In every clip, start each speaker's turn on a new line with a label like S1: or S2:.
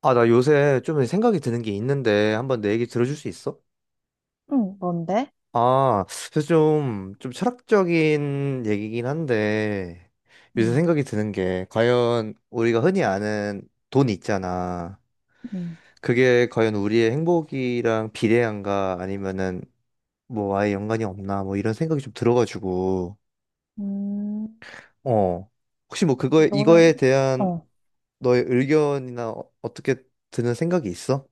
S1: 아, 나 요새 좀 생각이 드는 게 있는데 한번 내 얘기 들어줄 수 있어?
S2: 응, 뭔데?
S1: 아, 그래서 좀 철학적인 얘기긴 한데 요새
S2: 응,
S1: 생각이 드는 게 과연 우리가 흔히 아는 돈 있잖아.
S2: 응.
S1: 그게 과연 우리의 행복이랑 비례한가 아니면은 뭐 아예 연관이 없나 뭐 이런 생각이 좀 들어가지고
S2: 음,
S1: 어, 혹시 뭐
S2: 너는,
S1: 이거에 대한
S2: 어,
S1: 너의 의견이나 어떻게 드는 생각이 있어?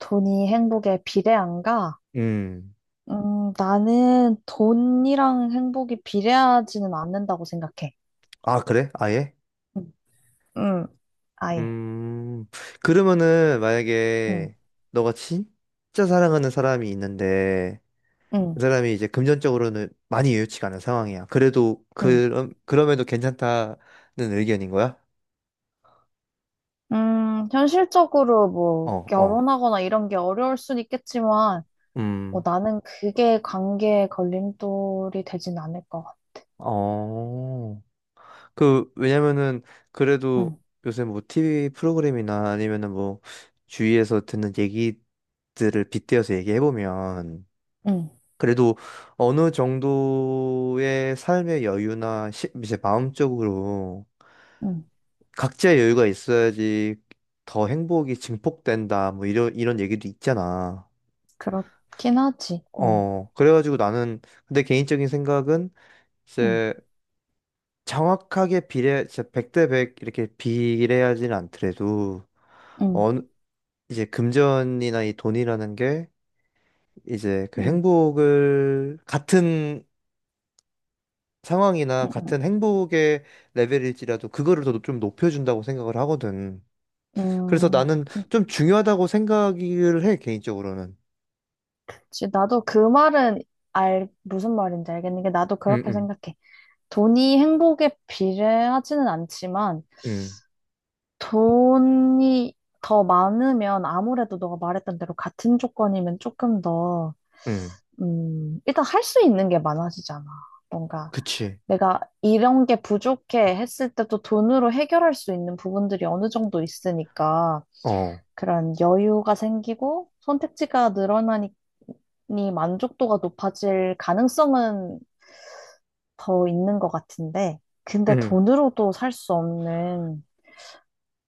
S2: 돈이 행복에 비례한가?
S1: 음,
S2: 나는 돈이랑 행복이 비례하지는 않는다고 생각해.
S1: 아, 그래? 아예?
S2: 응, 응, 아예.
S1: 음, 그러면은
S2: 응,
S1: 만약에 너가 진짜 사랑하는 사람이 있는데 그
S2: 응,
S1: 사람이 이제 금전적으로는 많이 여유치가 않은 상황이야. 그래도
S2: 응.
S1: 그럼에도 괜찮다는 의견인 거야?
S2: 현실적으로 뭐,
S1: 어, 어.
S2: 결혼하거나 이런 게 어려울 순 있겠지만, 뭐,
S1: 음.
S2: 나는 그게 관계의 걸림돌이 되진 않을 것 같아.
S1: 어. 그 왜냐면은 그래도
S2: 응,
S1: 요새 뭐 TV 프로그램이나 아니면은 뭐 주위에서 듣는 얘기들을 빗대어서 얘기해 보면
S2: 응,
S1: 그래도 어느 정도의 삶의 여유나 이제 마음적으로
S2: 응.
S1: 각자의 여유가 있어야지 더 행복이 증폭된다 뭐 이런 얘기도 있잖아.
S2: 그렇긴 하지. 응,
S1: 그래가지고 나는 근데 개인적인 생각은
S2: 응,
S1: 이제 정확하게 비례 진짜 100대 100 이렇게 비례하지는 않더라도
S2: 응,
S1: 어느 이제 금전이나 이 돈이라는 게 이제 그
S2: 응,
S1: 행복을 같은 상황이나
S2: 응. 응.
S1: 같은 행복의 레벨일지라도 그거를 더 좀 높여준다고 생각을 하거든. 그래서 나는
S2: 그치.
S1: 좀 중요하다고 생각을 해, 개인적으로는.
S2: 나도 그 말은 무슨 말인지 알겠는 게 나도
S1: 응,
S2: 그렇게
S1: 응,
S2: 생각해. 돈이 행복에 비례하지는 않지만
S1: 응,
S2: 돈이 더 많으면 아무래도 너가 말했던 대로 같은 조건이면 조금 더,
S1: 응.
S2: 일단 할 수 있는 게 많아지잖아. 뭔가
S1: 그치.
S2: 내가 이런 게 부족해 했을 때도 돈으로 해결할 수 있는 부분들이 어느 정도 있으니까
S1: 어,
S2: 그런 여유가 생기고 선택지가 늘어나니 만족도가 높아질 가능성은 더 있는 것 같은데, 근데
S1: 응.
S2: 돈으로도 살 수 없는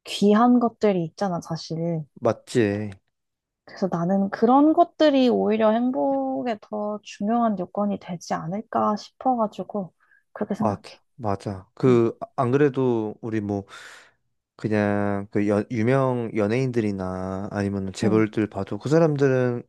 S2: 귀한 것들이 있잖아, 사실.
S1: 맞지.
S2: 그래서 나는 그런 것들이 오히려 행복에 더 중요한 요건이 되지 않을까 싶어가지고, 그렇게 생각해.
S1: 맞아. 맞아.
S2: 응,
S1: 안 그래도 우리 뭐, 그냥 그 유명 연예인들이나 아니면
S2: 응,
S1: 재벌들 봐도 그 사람들은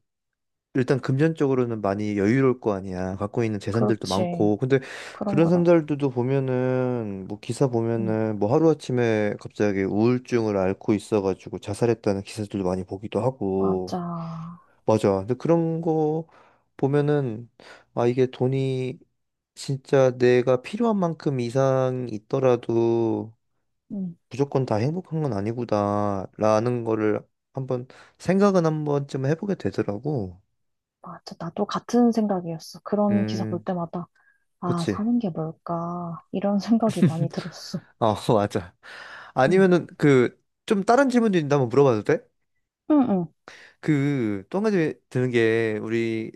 S1: 일단 금전적으로는 많이 여유로울 거 아니야. 갖고 있는 재산들도
S2: 그렇지.
S1: 많고. 근데
S2: 그럼,
S1: 그런
S2: 그럼.
S1: 사람들도 보면은 뭐 기사
S2: 응,
S1: 보면은 뭐 하루아침에 갑자기 우울증을 앓고 있어가지고 자살했다는 기사들도 많이 보기도 하고.
S2: 맞아.
S1: 맞아. 근데 그런 거 보면은 아, 이게 돈이 진짜 내가 필요한 만큼 이상 있더라도
S2: 응,
S1: 무조건 다 행복한 건 아니구나라는 거를 한번 생각은 한 번쯤 해보게 되더라고.
S2: 맞아. 나도 같은 생각이었어. 그런 기사 볼
S1: 음,
S2: 때마다. 아,
S1: 그치.
S2: 사는 게 뭘까? 이런 생각이 많이 들었어.
S1: 어, 맞아.
S2: 응,
S1: 아니면은 그 좀 다른 질문도 있는데 한번 물어봐도 돼?
S2: 응, 응,
S1: 그 또 한 가지 드는 게 우리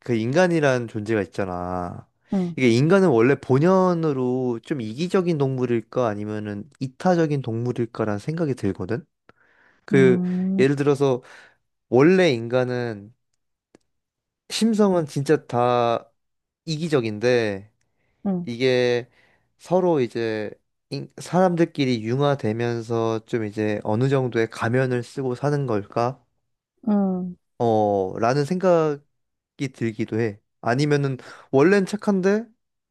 S1: 그 인간이란 존재가 있잖아.
S2: 응,
S1: 이게 인간은 원래 본연으로 좀 이기적인 동물일까 아니면은 이타적인 동물일까라는 생각이 들거든. 그
S2: 응,
S1: 예를 들어서 원래 인간은 심성은 진짜 다 이기적인데
S2: 응,
S1: 이게 서로 이제 사람들끼리 융화되면서 좀 이제 어느 정도의 가면을 쓰고 사는 걸까?
S2: 응,
S1: 라는 생각이 들기도 해. 아니면은 원래는 착한데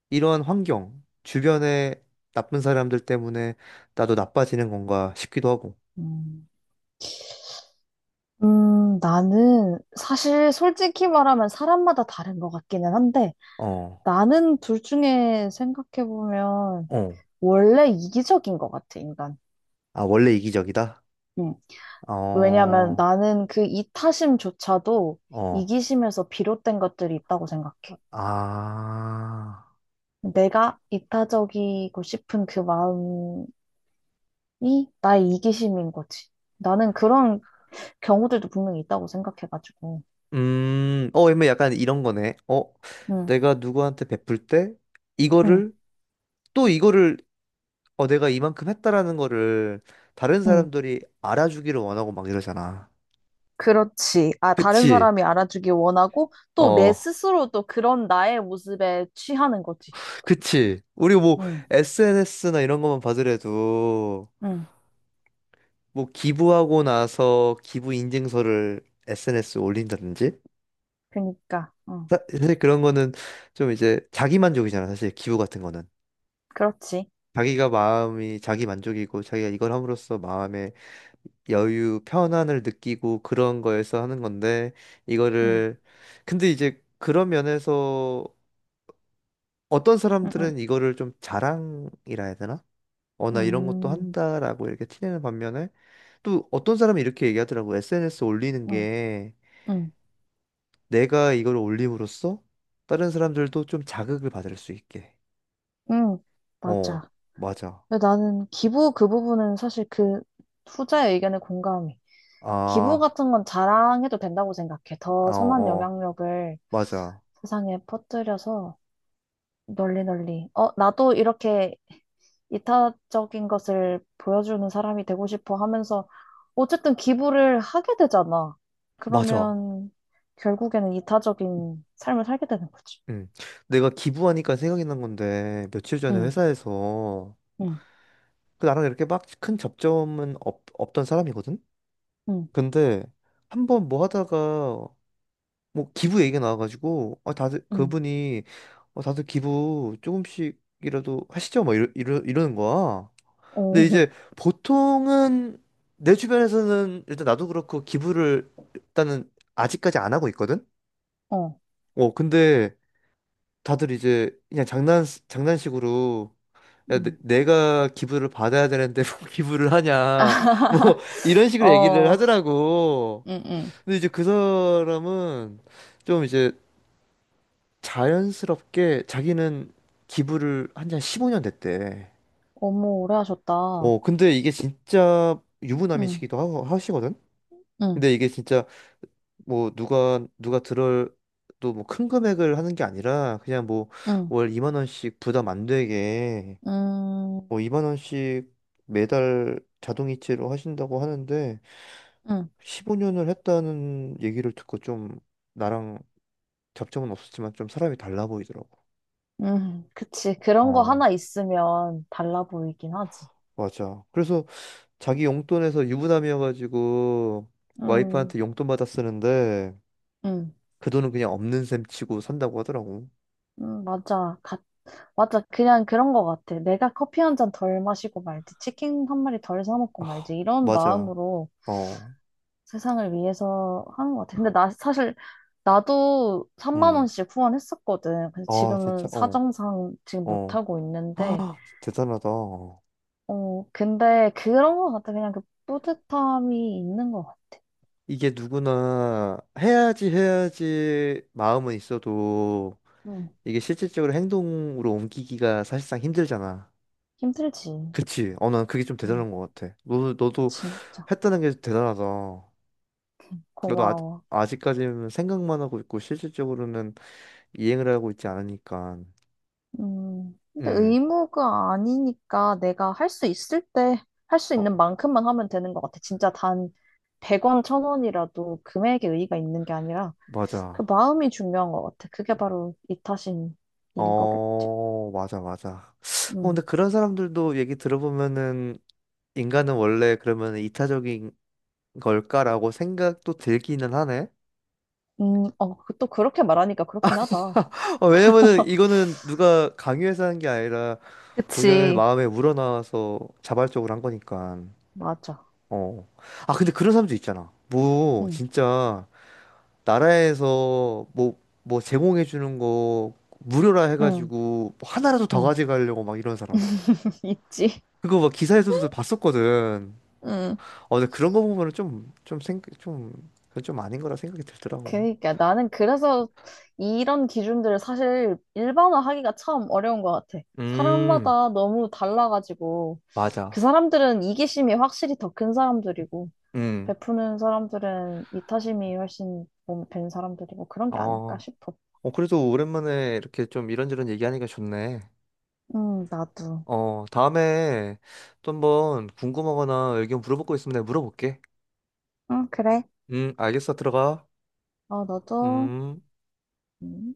S1: 이러한 환경, 주변에 나쁜 사람들 때문에 나도 나빠지는 건가 싶기도 하고.
S2: 응. 나는 사실 솔직히 말하면 사람마다 다른 것 같기는 한데
S1: 어,
S2: 나는 둘 중에 생각해보면
S1: 어.
S2: 원래 이기적인 것 같아, 인간.
S1: 아, 원래 이기적이다?
S2: 응. 왜냐면
S1: 어,
S2: 나는 그 이타심조차도
S1: 어.
S2: 이기심에서 비롯된 것들이 있다고 생각해.
S1: 아.
S2: 내가 이타적이고 싶은 그 마음 이 나의 이기심인 거지. 나는 그런 경우들도 분명히 있다고 생각해가지고.
S1: 뭐 약간 이런 거네.
S2: 응,
S1: 내가 누구한테 베풀 때
S2: 응,
S1: 이거를 이거를 내가 이만큼 했다라는 거를 다른
S2: 응.
S1: 사람들이 알아주기를 원하고 막 이러잖아.
S2: 그렇지. 아, 다른
S1: 그치?
S2: 사람이 알아주길 원하고 또 내
S1: 어,
S2: 스스로도 그런 나의 모습에 취하는 거지.
S1: 그치. 우리 뭐
S2: 응,
S1: SNS나 이런 것만 봐더라도
S2: 응.
S1: 뭐 기부하고 나서 기부 인증서를 SNS에 올린다든지
S2: 그니까, 응.
S1: 사실 그런 거는 좀 이제 자기 만족이잖아. 사실 기부 같은 거는
S2: 그렇지.
S1: 자기가 마음이 자기 만족이고 자기가 이걸 함으로써 마음에 여유, 편안을 느끼고 그런 거에서 하는 건데,
S2: 응,
S1: 이거를, 근데 이제 그런 면에서 어떤
S2: 응, 응.
S1: 사람들은 이거를 좀 자랑이라 해야 되나? 어, 나 이런 것도
S2: 음,
S1: 한다라고 이렇게 티내는 반면에, 또 어떤 사람이 이렇게 얘기하더라고. SNS 올리는
S2: 응,
S1: 게
S2: 응,
S1: 내가 이걸 올림으로써 다른 사람들도 좀 자극을 받을 수 있게.
S2: 응.
S1: 어,
S2: 맞아.
S1: 맞아.
S2: 근데 나는 기부 그 부분은 사실 그 후자의 의견에 공감해. 기부
S1: 아,
S2: 같은 건 자랑해도 된다고 생각해.
S1: 아,
S2: 더
S1: 어,
S2: 선한
S1: 어,
S2: 영향력을
S1: 맞아.
S2: 세상에 퍼뜨려서 널리 널리. 어, 나도 이렇게 이타적인 것을 보여주는 사람이 되고 싶어 하면서 어쨌든 기부를 하게 되잖아.
S1: 맞아.
S2: 그러면 결국에는 이타적인 삶을 살게 되는 거지.
S1: 응. 내가 기부하니까 생각이 난 건데, 며칠 전에
S2: 응,
S1: 회사에서,
S2: 응,
S1: 그 나랑 이렇게 막 큰 접점은 없던 사람이거든?
S2: 응,
S1: 근데, 한번 뭐 하다가, 뭐 기부 얘기가 나와가지고, 아,
S2: 응.
S1: 다들 기부 조금씩이라도 하시죠? 막 이러는 거야. 근데
S2: 오,
S1: 이제 보통은, 내 주변에서는 일단 나도 그렇고 기부를 일단은 아직까지 안 하고 있거든?
S2: 어,
S1: 근데 다들 이제 그냥 장난식으로 야,
S2: 응.
S1: 내가 기부를 받아야 되는데 뭐 기부를 하냐 뭐 이런 식으로 얘기를
S2: 어,
S1: 하더라고.
S2: 응, 응.
S1: 근데 이제 그 사람은 좀 이제 자연스럽게 자기는 기부를 한 지 한 15년 됐대.
S2: 어머, 오래 하셨다.
S1: 근데 이게 진짜
S2: 응,
S1: 유부남이시기도 하시거든.
S2: 응,
S1: 근데 이게 진짜 뭐 누가 들을 또 뭐 큰 금액을 하는 게 아니라 그냥 뭐
S2: 응.
S1: 월 2만 원씩 부담 안 되게
S2: 음,
S1: 뭐 2만 원씩 매달 자동이체로 하신다고 하는데
S2: 음,
S1: 15년을 했다는 얘기를 듣고 좀 나랑 접점은 없었지만 좀 사람이 달라 보이더라고.
S2: 그치. 그런 거
S1: 어,
S2: 하나 있으면 달라 보이긴 하지.
S1: 맞아. 그래서 자기 용돈에서 유부남이어가지고
S2: 음,
S1: 와이프한테 용돈 받아 쓰는데
S2: 음,
S1: 그 돈은 그냥 없는 셈 치고 산다고 하더라고.
S2: 맞아. 맞아. 그냥 그런 거 같아. 내가 커피 한 잔 덜 마시고 말지, 치킨 한 마리 덜 사 먹고
S1: 아,
S2: 말지, 이런
S1: 맞아.
S2: 마음으로
S1: 어.
S2: 세상을 위해서 하는 거 같아. 근데 나 사실, 나도 3만
S1: 음.
S2: 원씩 후원했었거든. 근데
S1: 아, 진짜.
S2: 지금은
S1: 어.
S2: 사정상 지금
S1: 어.
S2: 못하고 있는데,
S1: 대단하다.
S2: 어, 근데 그런 거 같아. 그냥 그 뿌듯함이 있는 거 같아.
S1: 이게 누구나 해야지 해야지 마음은 있어도
S2: 음,
S1: 이게 실질적으로 행동으로 옮기기가 사실상 힘들잖아.
S2: 힘들지.
S1: 그치? 어, 난 그게 좀
S2: 음,
S1: 대단한 것 같아. 너도
S2: 진짜
S1: 했다는 게 대단하다. 너도
S2: 고마워.
S1: 아직까지는 생각만 하고 있고 실질적으로는 이행을 하고 있지 않으니까.
S2: 근데
S1: 음,
S2: 의무가 아니니까 내가 할 수 있을 때 할 수 있는
S1: 어,
S2: 만큼만 하면 되는 것 같아. 진짜 단 100원, 1000원이라도 금액에 의의가 있는 게 아니라 그
S1: 맞아.
S2: 마음이 중요한 것 같아. 그게 바로 이타심인 거겠지?
S1: 어, 맞아, 맞아. 어, 근데
S2: 음,
S1: 그런 사람들도 얘기 들어보면은 인간은 원래 그러면 이타적인 걸까라고 생각도 들기는 하네.
S2: 어, 또 그렇게 말하니까 그렇긴 하다.
S1: 왜냐면은 이거는 누가 강요해서 한 게 아니라 본연의
S2: 그치.
S1: 마음에 우러나와서 자발적으로 한 거니까.
S2: 맞아.
S1: 어. 아, 근데 그런 사람도 있잖아. 뭐,
S2: 응,
S1: 진짜, 나라에서 뭐, 제공해주는 거 무료라
S2: 응,
S1: 해가지고 뭐 하나라도 더
S2: 응.
S1: 가져가려고 막 이런 사람.
S2: 있지.
S1: 그거 막 기사에서도 봤었거든.
S2: 응.
S1: 어, 근데 그런 거 보면은 그건 좀 아닌 거라 생각이 들더라고.
S2: 그러니까 나는 그래서 이런 기준들을 사실 일반화하기가 참 어려운 것 같아.
S1: 음,
S2: 사람마다 너무 달라가지고 그
S1: 맞아.
S2: 사람들은 이기심이 확실히 더 큰 사람들이고
S1: 음.
S2: 베푸는 사람들은 이타심이 훨씬 몸밴 사람들이고 그런 게 아닐까
S1: 어,
S2: 싶어.
S1: 어, 그래도 오랜만에 이렇게 좀 이런저런 얘기하니까 좋네.
S2: 나도.
S1: 어, 다음에 또 한번 궁금하거나 의견 물어볼 거 있으면 내가 물어볼게.
S2: 응, 그래.
S1: 알겠어. 들어가.
S2: 어, 너도.
S1: 음.
S2: 음.